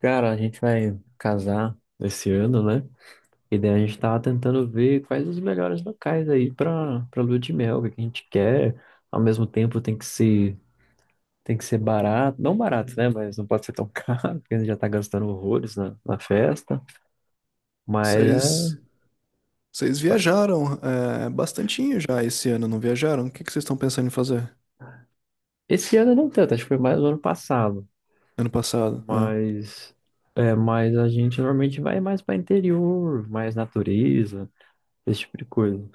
Cara, a gente vai casar esse ano, né? E daí a gente tava tentando ver quais os melhores locais aí pra lua de mel, o que a gente quer. Ao mesmo tempo tem que ser barato, não barato, né? Mas não pode ser tão caro, porque a gente já tá gastando horrores na festa. Mas Vocês, é. vocês viajaram bastantinho já esse ano, não viajaram? O que que vocês estão pensando em fazer Esse ano não tanto, acho que foi mais o ano passado. ano passado? Né? Mas. É, mas a gente normalmente vai mais pra interior, mais natureza, esse tipo de coisa.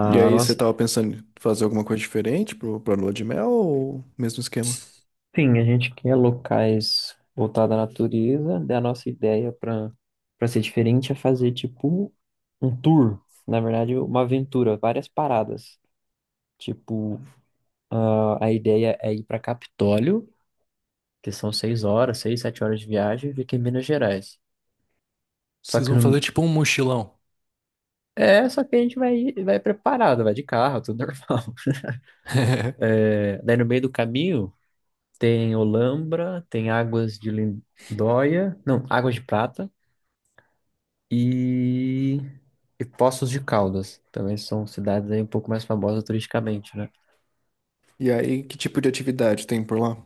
E aí, você nossa. tava pensando em fazer alguma coisa diferente pra lua de mel ou mesmo esquema? Sim, a gente quer locais voltados à natureza. Daí a nossa ideia para ser diferente é fazer tipo um tour, na verdade, uma aventura, várias paradas. Tipo, ah, a ideia é ir para Capitólio, que são seis horas, seis, sete horas de viagem, e fica em Minas Gerais. Só Vocês que vão no- fazer tipo um mochilão. é, só que a gente vai preparado, vai de carro, tudo normal. É, daí no meio do caminho tem Olambra, tem Águas de Lindóia, não, Águas de Prata. e, e Poços de Caldas. Também são cidades aí um pouco mais famosas turisticamente, né? E aí, que tipo de atividade tem por lá?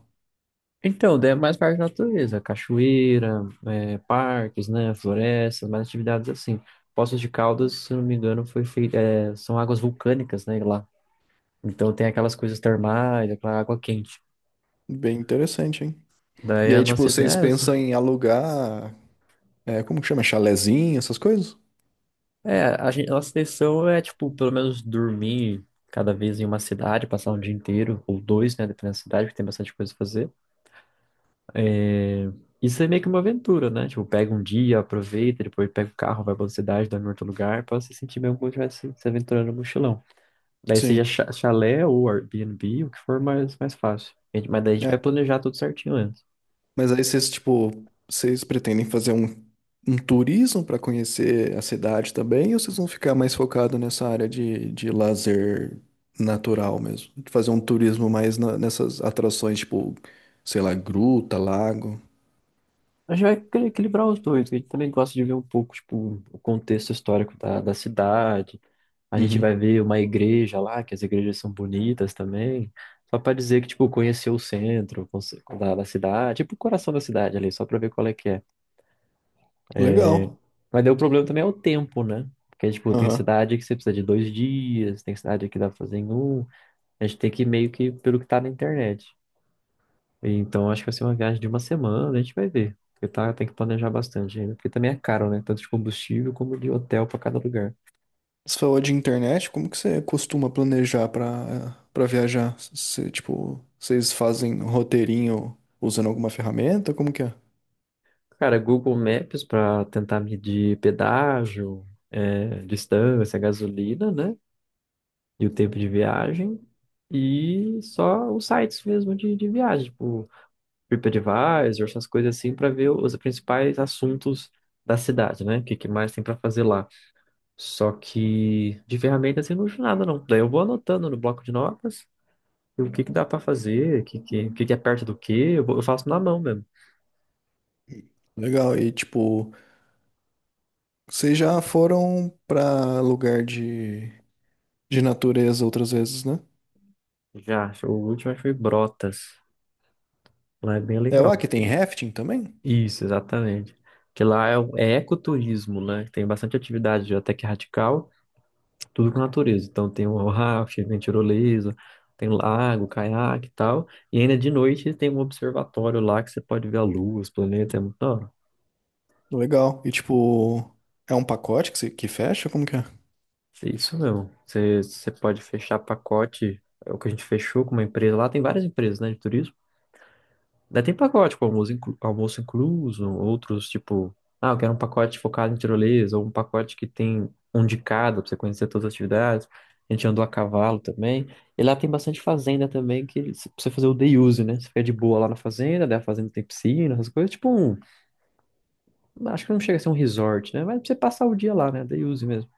Então, daí é mais parte da natureza, cachoeira, é, parques, né, florestas, mais atividades assim. Poços de Caldas, se não me engano, foi feita, é, são águas vulcânicas, né, lá. Então tem aquelas coisas termais, aquela água quente. Bem interessante, hein? Daí E a aí, tipo, nossa vocês ideia é pensam essa. em alugar, como que chama? Chalezinho, essas coisas? É, a gente, nossa intenção é, tipo, pelo menos dormir cada vez em uma cidade, passar um dia inteiro, ou dois, né, dependendo da cidade, porque tem bastante coisa a fazer. É, isso é meio que uma aventura, né? Tipo, pega um dia, aproveita, depois pega o carro, vai pra outra cidade, dorme em outro lugar, pra você sentir mesmo como estivesse se aventurando no mochilão. Daí seja Sim. Chalé ou Airbnb, o que for mais fácil. A gente- Mas daí a gente vai É, planejar tudo certinho antes. mas aí vocês, tipo, vocês pretendem fazer um, um turismo para conhecer a cidade também, ou vocês vão ficar mais focado nessa área de lazer natural mesmo? De fazer um turismo mais na- nessas atrações, tipo, sei lá, gruta, lago. A gente vai equilibrar os dois, a gente também gosta de ver um pouco, tipo, o contexto histórico da cidade. A gente vai Uhum. ver uma igreja lá, que as igrejas são bonitas também. Só pra dizer que, tipo, conhecer o centro da cidade, tipo, o coração da cidade ali, só pra ver qual é que é. Legal. Mas daí o problema também é o tempo, né? Porque, tipo, tem Aham. cidade que você precisa de dois dias, tem cidade que dá pra fazer em um. A gente tem que ir meio que pelo que tá na internet. Então, acho que vai ser uma viagem de uma semana, a gente vai ver. Porque tá, tem que planejar bastante ainda. Porque também é caro, né? Tanto de combustível como de hotel pra cada lugar. Você falou de internet, como que você costuma planejar para viajar? Você, tipo, vocês fazem um roteirinho usando alguma ferramenta? Como que é? Cara, Google Maps pra tentar medir pedágio, é, distância, gasolina, né? E o tempo de viagem. E só os sites mesmo de viagem, tipo TripAdvisor, essas coisas assim, para ver os principais assuntos da cidade, né? O que, que mais tem para fazer lá. Só que de ferramenta assim não uso nada, não. Daí eu vou anotando no bloco de notas o que, que dá para fazer, o que, que é perto do quê, eu faço na mão mesmo. Legal. E tipo. Vocês já foram pra lugar de natureza outras vezes, né? Já, o último acho que foi Brotas. Lá é bem É legal. lá que Porque- tem rafting também? Isso, exatamente. Que lá é, o- é ecoturismo, né? Tem bastante atividade até que radical. Tudo com natureza. Então tem o rafting, tem tirolesa, tem lago, caiaque e tal. E ainda de noite tem um observatório lá que você pode ver a lua, os planetas, é muito da hora. Legal. E tipo, é um pacote que, você- que fecha? Como que é? É isso mesmo. Você pode fechar pacote, é o que a gente fechou com uma empresa lá, tem várias empresas, né, de turismo. Daí tem pacote, com almoço, almoço incluso, outros tipo, ah, eu quero um pacote focado em tirolesa, ou um pacote que tem um de cada, pra você conhecer todas as atividades. A gente andou a cavalo também. E lá tem bastante fazenda também, que eles- pra você fazer o day use, né? Você fica de boa lá na fazenda, daí a fazenda tem piscina, essas coisas. Tipo um, acho que não chega a ser um resort, né? Mas pra você passar o dia lá, né? Day use mesmo.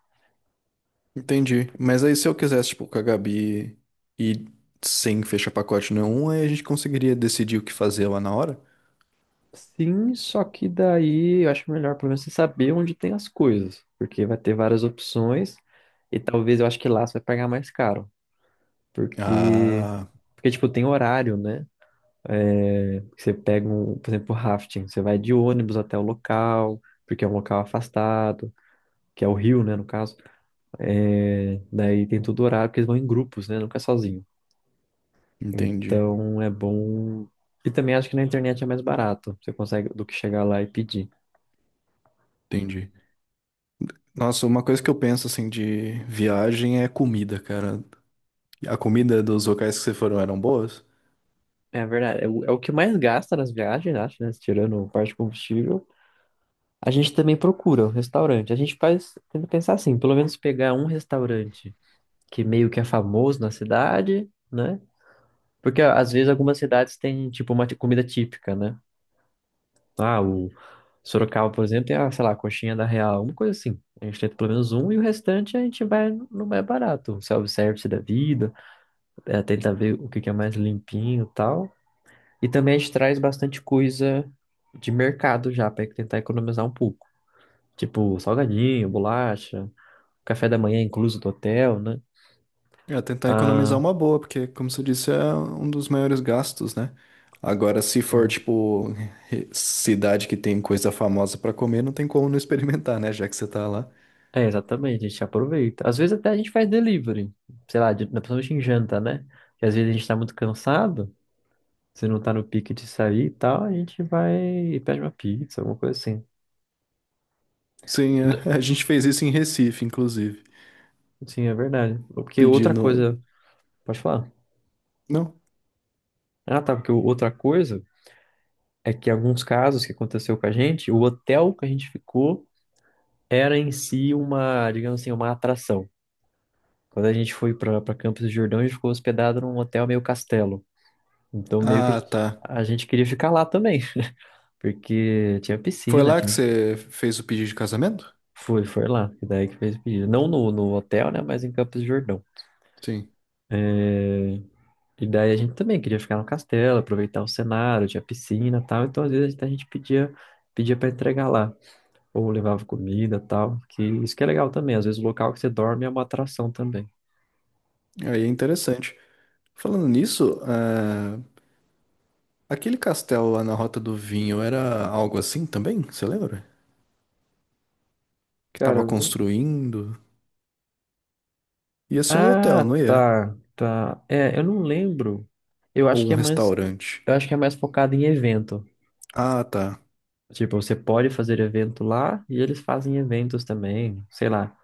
Entendi. Mas aí se eu quisesse, tipo, com a Gabi e sem fechar pacote nenhum, aí a gente conseguiria decidir o que fazer lá na hora? Sim, só que daí eu acho melhor pelo menos você saber onde tem as coisas, porque vai ter várias opções. E talvez eu acho que lá você vai pagar mais caro. Porque, Ah, porque tipo, tem horário, né? É, você pega um, por exemplo, rafting, você vai de ônibus até o local, porque é um local afastado, que é o rio, né, no caso. É, daí tem todo horário, porque eles vão em grupos, né, nunca é sozinho. entendi, Então é bom. E também acho que na internet é mais barato, você consegue do que chegar lá e pedir. entendi. Nossa, uma coisa que eu penso assim de viagem é comida, cara. A comida dos locais que vocês foram eram boas? É verdade, é o que mais gasta nas viagens, acho, né, tirando parte de combustível. A gente também procura um restaurante. A gente faz, tenta pensar assim, pelo menos pegar um restaurante que meio que é famoso na cidade, né? Porque ó, às vezes algumas cidades têm tipo uma comida típica, né? Ah, o Sorocaba, por exemplo, tem a, sei lá, a coxinha da Real, uma coisa assim. A gente tenta pelo menos um e o restante a gente vai no mais barato, um self-service da vida, é, tenta ver o que que é mais limpinho e tal. E também a gente traz bastante coisa de mercado já, para tentar economizar um pouco. Tipo, salgadinho, bolacha, café da manhã incluso do hotel, né? É, tentar economizar Ah, uma boa, porque, como você disse, é um dos maiores gastos, né? Agora, se for, tipo, cidade que tem coisa famosa pra comer, não tem como não experimentar, né? Já que você tá lá. é, exatamente, a gente aproveita. Às vezes até a gente faz delivery, sei lá, de, principalmente em janta, né? Que às vezes a gente tá muito cansado, se não tá no pique de sair e tal, a gente vai e pede uma pizza, alguma coisa assim. Sim, N- é, a gente fez isso em Recife, inclusive. Sim, é verdade. Porque outra Pedindo. coisa, pode falar? Não? Ah, tá, porque outra coisa é que alguns casos que aconteceu com a gente, o hotel que a gente ficou era em si uma, digamos assim, uma atração. Quando a gente foi pra Campos do Jordão, a gente ficou hospedado num hotel meio castelo. Então meio que Ah, tá. a gente queria ficar lá também. Porque tinha Foi piscina, lá tinha... que os- você fez o pedido de casamento? Foi, foi lá, que daí que fez o pedido. Não no hotel, né, mas em Campos do Jordão. Sim. É, e daí a gente também queria ficar no castelo, aproveitar o cenário, tinha piscina e tal. Então, às vezes, a gente pedia para entregar lá. Ou levava comida e tal, que isso que é legal também. Às vezes, o local que você dorme é uma atração também. Aí é interessante. Falando nisso, ah, aquele castelo lá na Rota do Vinho era algo assim também? Você lembra? Que Cara, tava eu não... construindo. Ia ser um hotel, Ah, não ia? tá, tá. É, eu não lembro. Eu acho Ou que um é mais... restaurante? Eu acho que é mais focado em evento. Ah, tá. Tipo, você pode fazer evento lá e eles fazem eventos também, sei lá,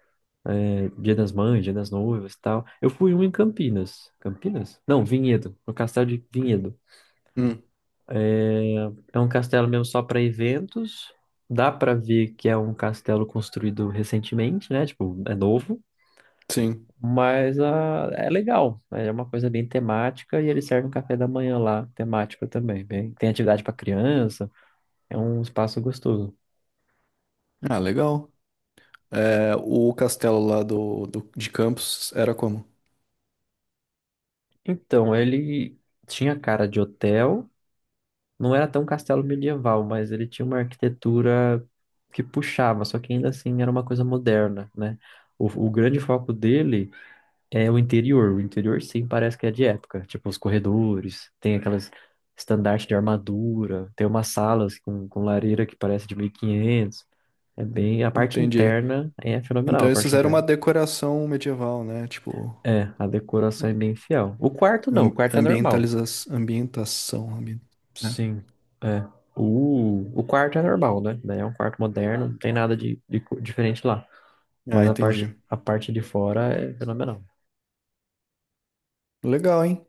é, Dia das Mães, Dia das Noivas e tal. Eu fui um em Campinas. Campinas? Não, Vinhedo, no castelo de Vinhedo. Hum, É, é um castelo mesmo só para eventos. Dá para ver que é um castelo construído recentemente, né? Tipo, é novo, sim. mas ah, é legal. É uma coisa bem temática e eles servem um café da manhã lá, temático também. Bem, tem atividade para criança, é um espaço gostoso. Ah, legal. É, o castelo lá do, de Campos era como? Então, ele tinha cara de hotel, não era tão castelo medieval, mas ele tinha uma arquitetura que puxava, só que ainda assim era uma coisa moderna, né? O grande foco dele é o interior. O interior, sim, parece que é de época. Tipo, os corredores, tem aquelas estandartes de armadura, tem umas salas com lareira que parece de 1500. É bem... A parte Entendi. interna é fenomenal, a Então esses parte eram uma interna. decoração medieval, né? Tipo, É, a decoração é bem fiel. O quarto não, o quarto é normal. ambientaliza ambientação. Né? Sim, é. O quarto é normal, né? Daí é um quarto moderno, não tem nada de diferente lá. Ah, Mas entendi. a parte de fora é fenomenal. Legal, hein?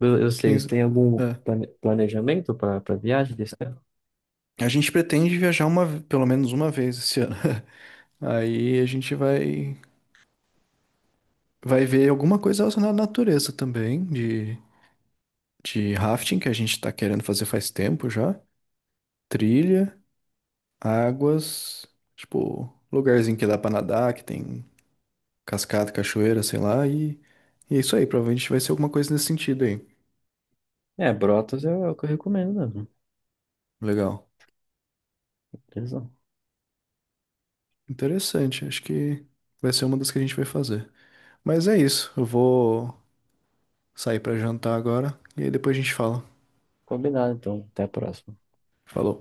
Eu sei, vocês 15... têm algum É. Planejamento para para viagem desse ano? A gente pretende viajar uma, pelo menos uma vez esse ano. Aí a gente vai, vai ver alguma coisa relacionada à natureza também, de rafting que a gente tá querendo fazer faz tempo já. Trilha, águas, tipo, lugarzinho que dá pra nadar, que tem cascata, cachoeira, sei lá, e é isso aí, provavelmente vai ser alguma coisa nesse sentido aí. É, Brotas é o que eu recomendo mesmo. Legal. Beleza. Interessante, acho que vai ser uma das que a gente vai fazer. Mas é isso, eu vou sair pra jantar agora e aí depois a gente fala. Combinado, então. Até a próxima. Falou.